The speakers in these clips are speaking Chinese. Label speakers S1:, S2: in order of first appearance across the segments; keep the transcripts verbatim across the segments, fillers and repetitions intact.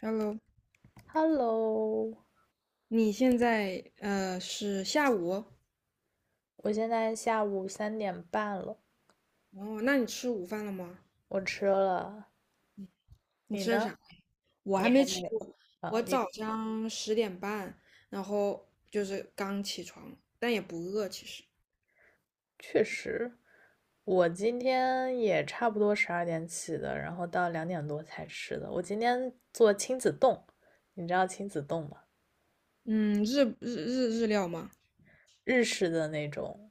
S1: Hello，
S2: Hello，
S1: 你现在呃是下午哦？
S2: 我现在下午三点半了，
S1: 那你吃午饭了吗？
S2: 我吃了。
S1: 你
S2: 你
S1: 吃的
S2: 呢？
S1: 啥？我还
S2: 你
S1: 没
S2: 还没
S1: 吃
S2: 有
S1: 过，
S2: 啊？
S1: 我
S2: 你
S1: 早上十点半，然后就是刚起床，但也不饿其实。
S2: 确实，我今天也差不多十二点起的，然后到两点多才吃的。我今天做亲子冻，你知道亲子冻吗？
S1: 嗯，日日日日料吗？
S2: 日式的那种，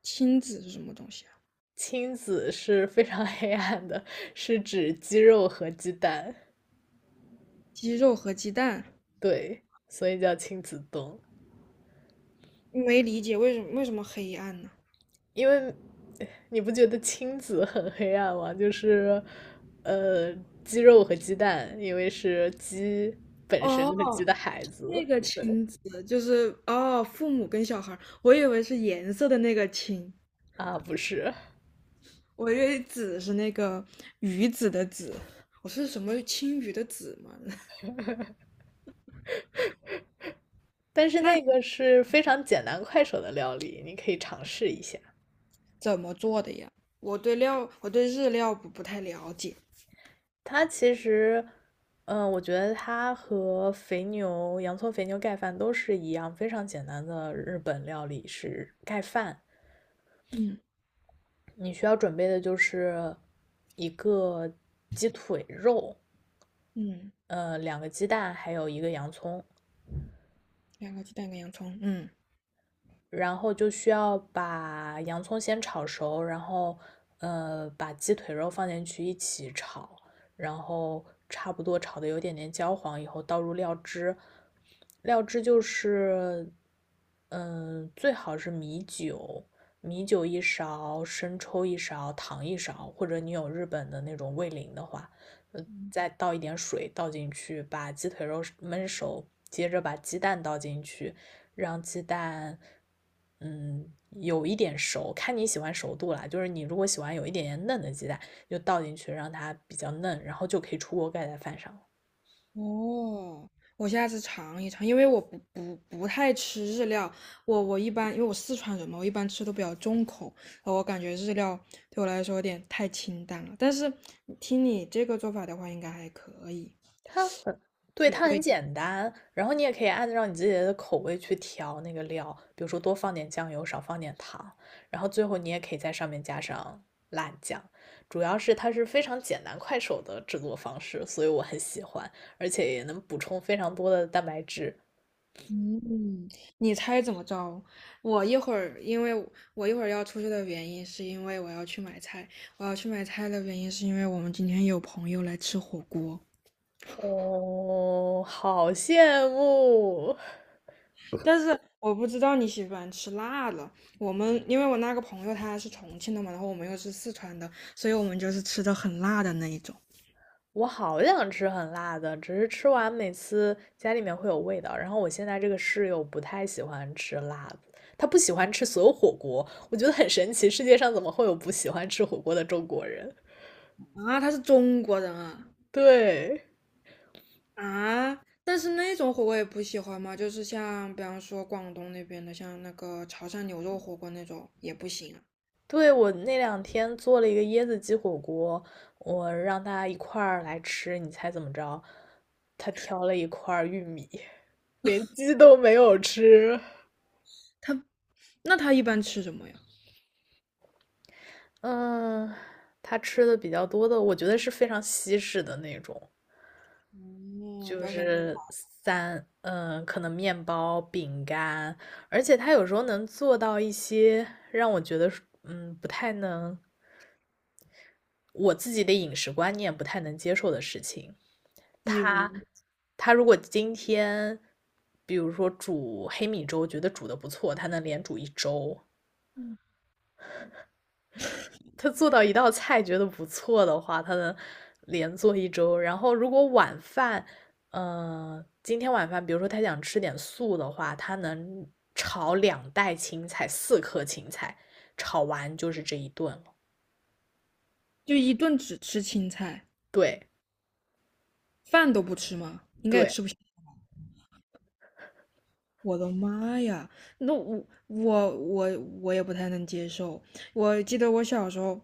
S1: 亲子是什么东西啊？
S2: 亲子是非常 黑暗的，是指鸡肉和鸡蛋，
S1: 鸡肉和鸡蛋，
S2: 对，所以叫亲子冻。
S1: 没理解为什么为什么黑暗呢？
S2: 因为你不觉得亲子很黑暗吗？就是呃，鸡肉和鸡蛋，因为是鸡本身
S1: 哦，
S2: 和鸡的孩
S1: 那
S2: 子。
S1: 个
S2: 对
S1: 亲子就是哦，父母跟小孩儿我以为是颜色的那个亲。
S2: 啊，不是，
S1: 我以为子是那个鱼子的子，我是什么青鱼的子吗？
S2: 但是
S1: 那
S2: 那个是非常简单快手的料理，你可以尝试一下。
S1: 怎么做的呀？我对料，我对日料不不太了解。
S2: 它其实，嗯，我觉得它和肥牛、洋葱肥牛盖饭都是一样，非常简单的日本料理是盖饭。
S1: 嗯，
S2: 你需要准备的就是一个鸡腿肉，
S1: 嗯，
S2: 呃，两个鸡蛋，还有一个洋葱。
S1: 两个鸡蛋，跟洋葱。嗯。
S2: 然后就需要把洋葱先炒熟，然后呃把鸡腿肉放进去一起炒，然后差不多炒的有点点焦黄以后，倒入料汁，料汁就是嗯、呃最好是米酒，米酒一勺，生抽一勺，糖一勺，或者你有日本的那种味淋的话，呃再倒一点水倒进去，把鸡腿肉焖熟，接着把鸡蛋倒进去，让鸡蛋嗯，有一点熟，看你喜欢熟度啦。就是你如果喜欢有一点点嫩的鸡蛋，就倒进去让它比较嫩，然后就可以出锅盖在饭上了。
S1: 哦，我下次尝一尝，因为我不不不太吃日料，我我一般因为我四川人嘛，我一般吃都比较重口。呃我感觉日料对我来说有点太清淡了。但是听你这个做法的话，应该还可以，
S2: 它很，对，
S1: 是有
S2: 它很
S1: 味。
S2: 简单。然后你也可以按照你自己的口味去调那个料，比如说多放点酱油，少放点糖。然后最后你也可以在上面加上辣酱。主要是它是非常简单快手的制作方式，所以我很喜欢，而且也能补充非常多的蛋白质。
S1: 嗯，你猜怎么着？我一会儿，因为我我一会儿要出去的原因，是因为我要去买菜。我要去买菜的原因，是因为我们今天有朋友来吃火锅，
S2: 哦，好羡慕！
S1: 但是我不知道你喜欢吃辣的。我们因为我那个朋友他是重庆的嘛，然后我们又是四川的，所以我们就是吃的很辣的那一种。
S2: 我好想吃很辣的，只是吃完每次家里面会有味道。然后我现在这个室友不太喜欢吃辣的，他不喜欢吃所有火锅。我觉得很神奇，世界上怎么会有不喜欢吃火锅的中国人？
S1: 啊，他是中国人啊。
S2: 对，
S1: 啊！但是那种火锅也不喜欢嘛，就是像比方说广东那边的，像那个潮汕牛肉火锅那种也不行啊。
S2: 对，我那两天做了一个椰子鸡火锅，我让他一块儿来吃，你猜怎么着？他挑了一块儿玉米，连鸡都没有吃。
S1: 那他一般吃什么呀？
S2: 嗯，他吃的比较多的，我觉得是非常西式的那种，
S1: 哦，不
S2: 就
S1: 要想，
S2: 是三，嗯，可能面包、饼干，而且他有时候能做到一些让我觉得是嗯，不太能，我自己的饮食观念不太能接受的事情。
S1: 比如，
S2: 他，他如果今天，比如说煮黑米粥，觉得煮的不错，他能连煮一周。
S1: 嗯，
S2: 他做到一道菜觉得不错的话，他能连做一周。然后如果晚饭，呃，今天晚饭，比如说他想吃点素的话，他能炒两袋青菜，四颗青菜，炒完就是这一顿了。
S1: 就一顿只吃青菜，
S2: 对
S1: 饭都不吃吗？应该也
S2: 对，
S1: 吃不。我的妈呀！那我我我我也不太能接受。我记得我小时候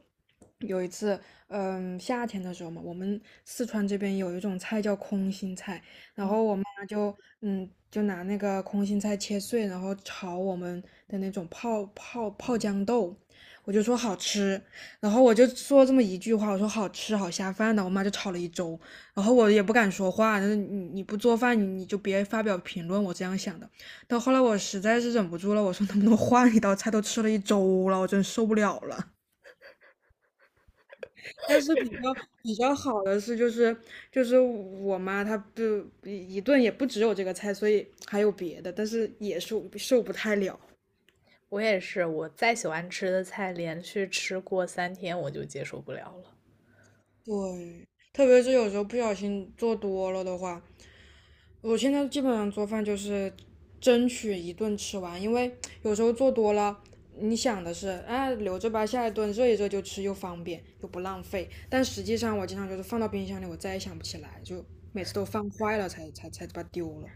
S1: 有一次，嗯，夏天的时候嘛，我们四川这边有一种菜叫空心菜，然
S2: 嗯，
S1: 后我妈就嗯就拿那个空心菜切碎，然后炒我们的那种泡泡泡豇豆，我就说好吃，然后我就说这么一句话，我说好吃好下饭的，我妈就炒了一周。然后我也不敢说话，就是你你不做饭，你你就别发表评论，我这样想的。到后来我实在是忍不住了，我说能不能换一道菜？都吃了一周了，我真受不了了。但是比较比较好的是，就是就是我妈她不一一顿也不只有这个菜，所以还有别的，但是也受受不太了。
S2: 我也是，我再喜欢吃的菜，连续吃过三天我就接受不了了。
S1: 对，特别是有时候不小心做多了的话，我现在基本上做饭就是争取一顿吃完，因为有时候做多了，你想的是啊留着吧，下一顿热一热就吃，又方便又不浪费。但实际上我经常就是放到冰箱里，我再也想不起来，就每次都放坏了才才才把它丢了。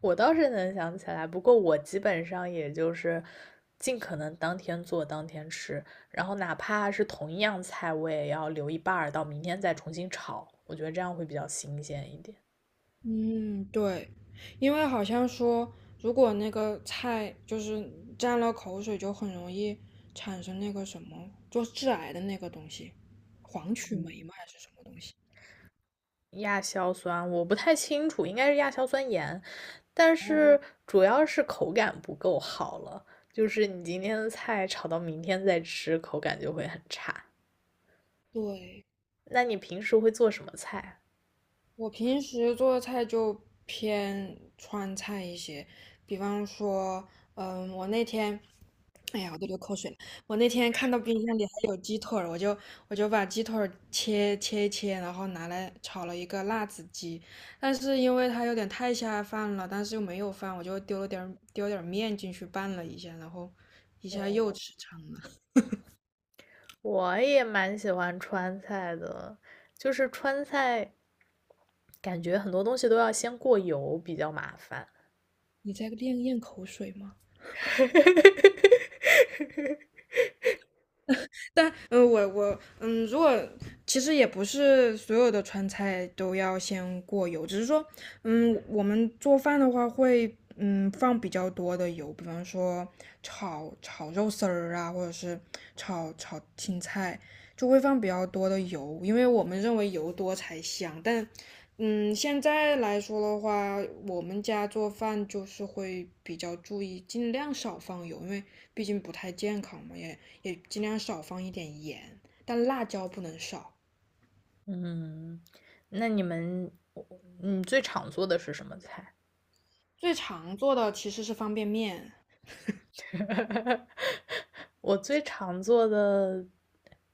S2: 我倒是能想起来，不过我基本上也就是尽可能当天做当天吃，然后哪怕是同一样菜，我也要留一半儿到明天再重新炒，我觉得这样会比较新鲜一点。
S1: 嗯，对，因为好像说如果那个菜就是沾了口水，就很容易产生那个什么，就致癌的那个东西，黄曲霉吗？还是什么东西？
S2: 亚硝酸我不太清楚，应该是亚硝酸盐，但是嗯主要是口感不够好了，就是你今天的菜炒到明天再吃，口感就会很差。
S1: 对。
S2: 那你平时会做什么菜？
S1: 我平时做的菜就偏川菜一些，比方说，嗯，我那天，哎呀，我都流口水了。我那天看到冰箱里还有腿儿，我就我就把鸡腿儿切切一切，然后拿来炒了一个辣子鸡。但是因为它有点太下饭了，但是又没有饭，我就丢了点儿丢点儿面进去拌了一下，然后一下又
S2: 哦
S1: 吃撑了。
S2: 我也蛮喜欢川菜的，就是川菜感觉很多东西都要先过油，比较麻烦。
S1: 你在咽咽口水吗？但嗯、呃我我嗯，如果其实也不是所有的川菜都要先过油，只是说，嗯，我们做饭的话会嗯放比较多的油，比方说炒炒肉丝儿啊，或者是炒炒青菜，就会放比较多的油，因为我们认为油多才香。但嗯，现在来说的话，我们家做饭就是会比较注意，尽量少放油，因为毕竟不太健康嘛，也也尽量少放一点盐，但辣椒不能少。
S2: 嗯，那你们，你最常做的是什么菜？
S1: 最常做的其实是方便面。
S2: 我最常做的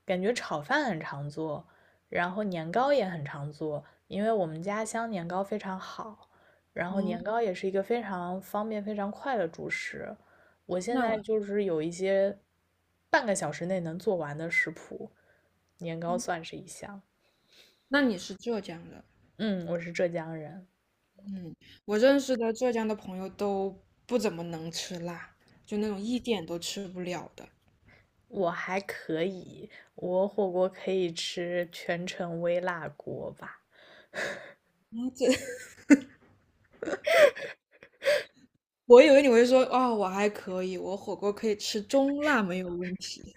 S2: 感觉炒饭很常做，然后年糕也很常做，因为我们家乡年糕非常好，然后年糕也是一个非常方便、非常快的主食。我现
S1: 那我，
S2: 在就是有一些半个小时内能做完的食谱，年糕算是一项。
S1: 那你是浙江的。
S2: 嗯，我是浙江人，
S1: 嗯，我认识的浙江的朋友都不怎么能吃辣，就那种一点都吃不了的。
S2: 我还可以，我火锅可以吃全程微辣锅吧，
S1: 嗯这 我以为你会说，哦，我还可以，我火锅可以吃中辣没有问题。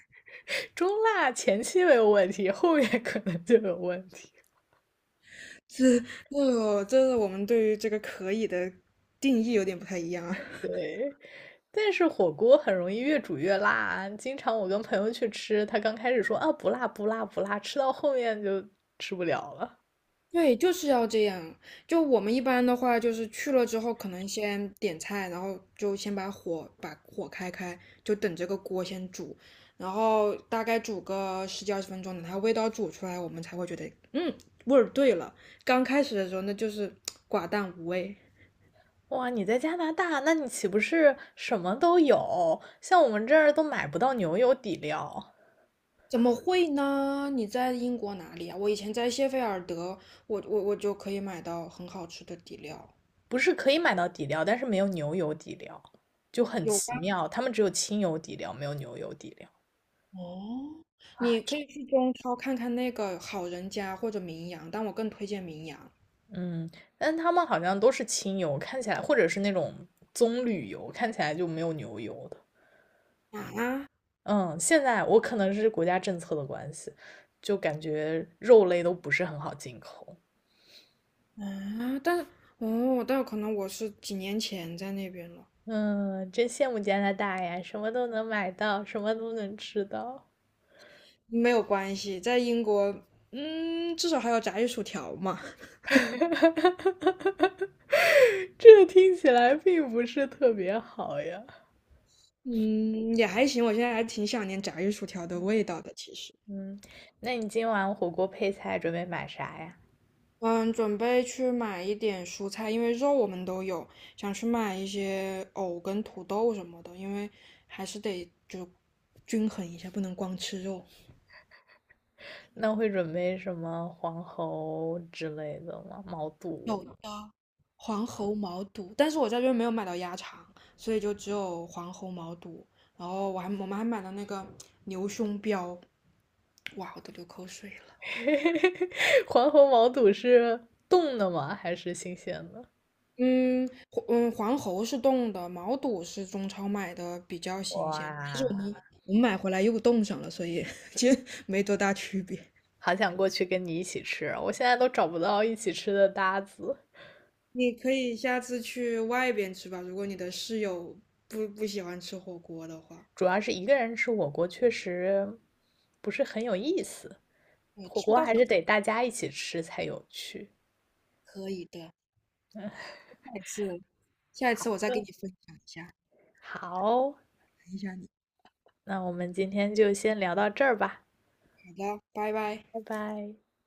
S2: 中辣前期没有问题，后面可能就有问题。
S1: 这这这是我们对于这个可以的定义有点不太一样啊。
S2: 对，但是火锅很容易越煮越辣啊。经常我跟朋友去吃，他刚开始说啊不辣不辣不辣，吃到后面就吃不了了。
S1: 对，就是要这样。就我们一般的话，就是去了之后，可能先点菜，然后就先把火把火开开，就等这个锅先煮，然后大概煮个十几二十分钟，等它味道煮出来，我们才会觉得，嗯，味儿对了。刚开始的时候，那就是 寡淡无味。
S2: 哇，你在加拿大，那你岂不是什么都有？像我们这儿都买不到牛油底料，
S1: 怎么会呢？你在英国哪里啊？我以前在谢菲尔德，我我我就可以买到很好吃的底料。
S2: 不是可以买到底料，但是没有牛油底料，就很
S1: 有
S2: 奇
S1: 关
S2: 妙。他们只有清油底料，没有牛油底料。
S1: 哦，你
S2: 啊。
S1: 可以去中超看看那个好人家或者名扬，但我更推荐名扬。
S2: 嗯，但他们好像都是清油，看起来或者是那种棕榈油，看起来就没有牛油的。
S1: 啊。
S2: 嗯，现在我可能是国家政策的关系，就感觉肉类都不是很好进口。
S1: 啊！但哦，但可能我是几年前在那边了，
S2: 嗯，真羡慕加拿大呀，什么都能买到，什么都能吃到。
S1: 没有关系，在英国，嗯，至少还有炸鱼薯条嘛，
S2: 这听起来并不是特别好呀。
S1: 嗯，也还行，我现在还挺想念炸鱼薯条的味道的，其实。
S2: 嗯，那你今晚火锅配菜准备买啥呀？
S1: 嗯，准备去买一点蔬菜，因为肉我们都有，想去买一些藕跟土豆什么的，因为还是得就均衡一下，不能光吃肉。
S2: 那会准备什么黄喉之类的吗？毛
S1: 有
S2: 肚？
S1: 的黄喉毛肚，但是我在这边没有买到鸭肠，所以就只有黄喉毛肚。然后我还我们还买了那个牛胸膘，哇，我都流口水了。
S2: 黄喉毛肚是冻的吗？还是新鲜的？
S1: 嗯，黄嗯，黄喉是冻的，毛肚是中超买的，比较新鲜。
S2: 哇，
S1: 我买回来又冻上了，所以 其实没多大区别。
S2: 好想过去跟你一起吃，我现在都找不到一起吃的搭子。
S1: 你可以下次去外边吃吧，如果你的室友不不喜欢吃火锅的话，
S2: 主要是一个人吃火锅确实不是很有意思，
S1: 对，
S2: 火
S1: 吃不
S2: 锅
S1: 到火
S2: 还
S1: 锅
S2: 是得大家一起吃才有趣。
S1: 可以的。下一次，下一次我再给
S2: 对，
S1: 你分享一下，
S2: 好，
S1: 等一下你。
S2: 那我们今天就先聊到这儿吧，
S1: 好的，拜拜。
S2: 拜拜。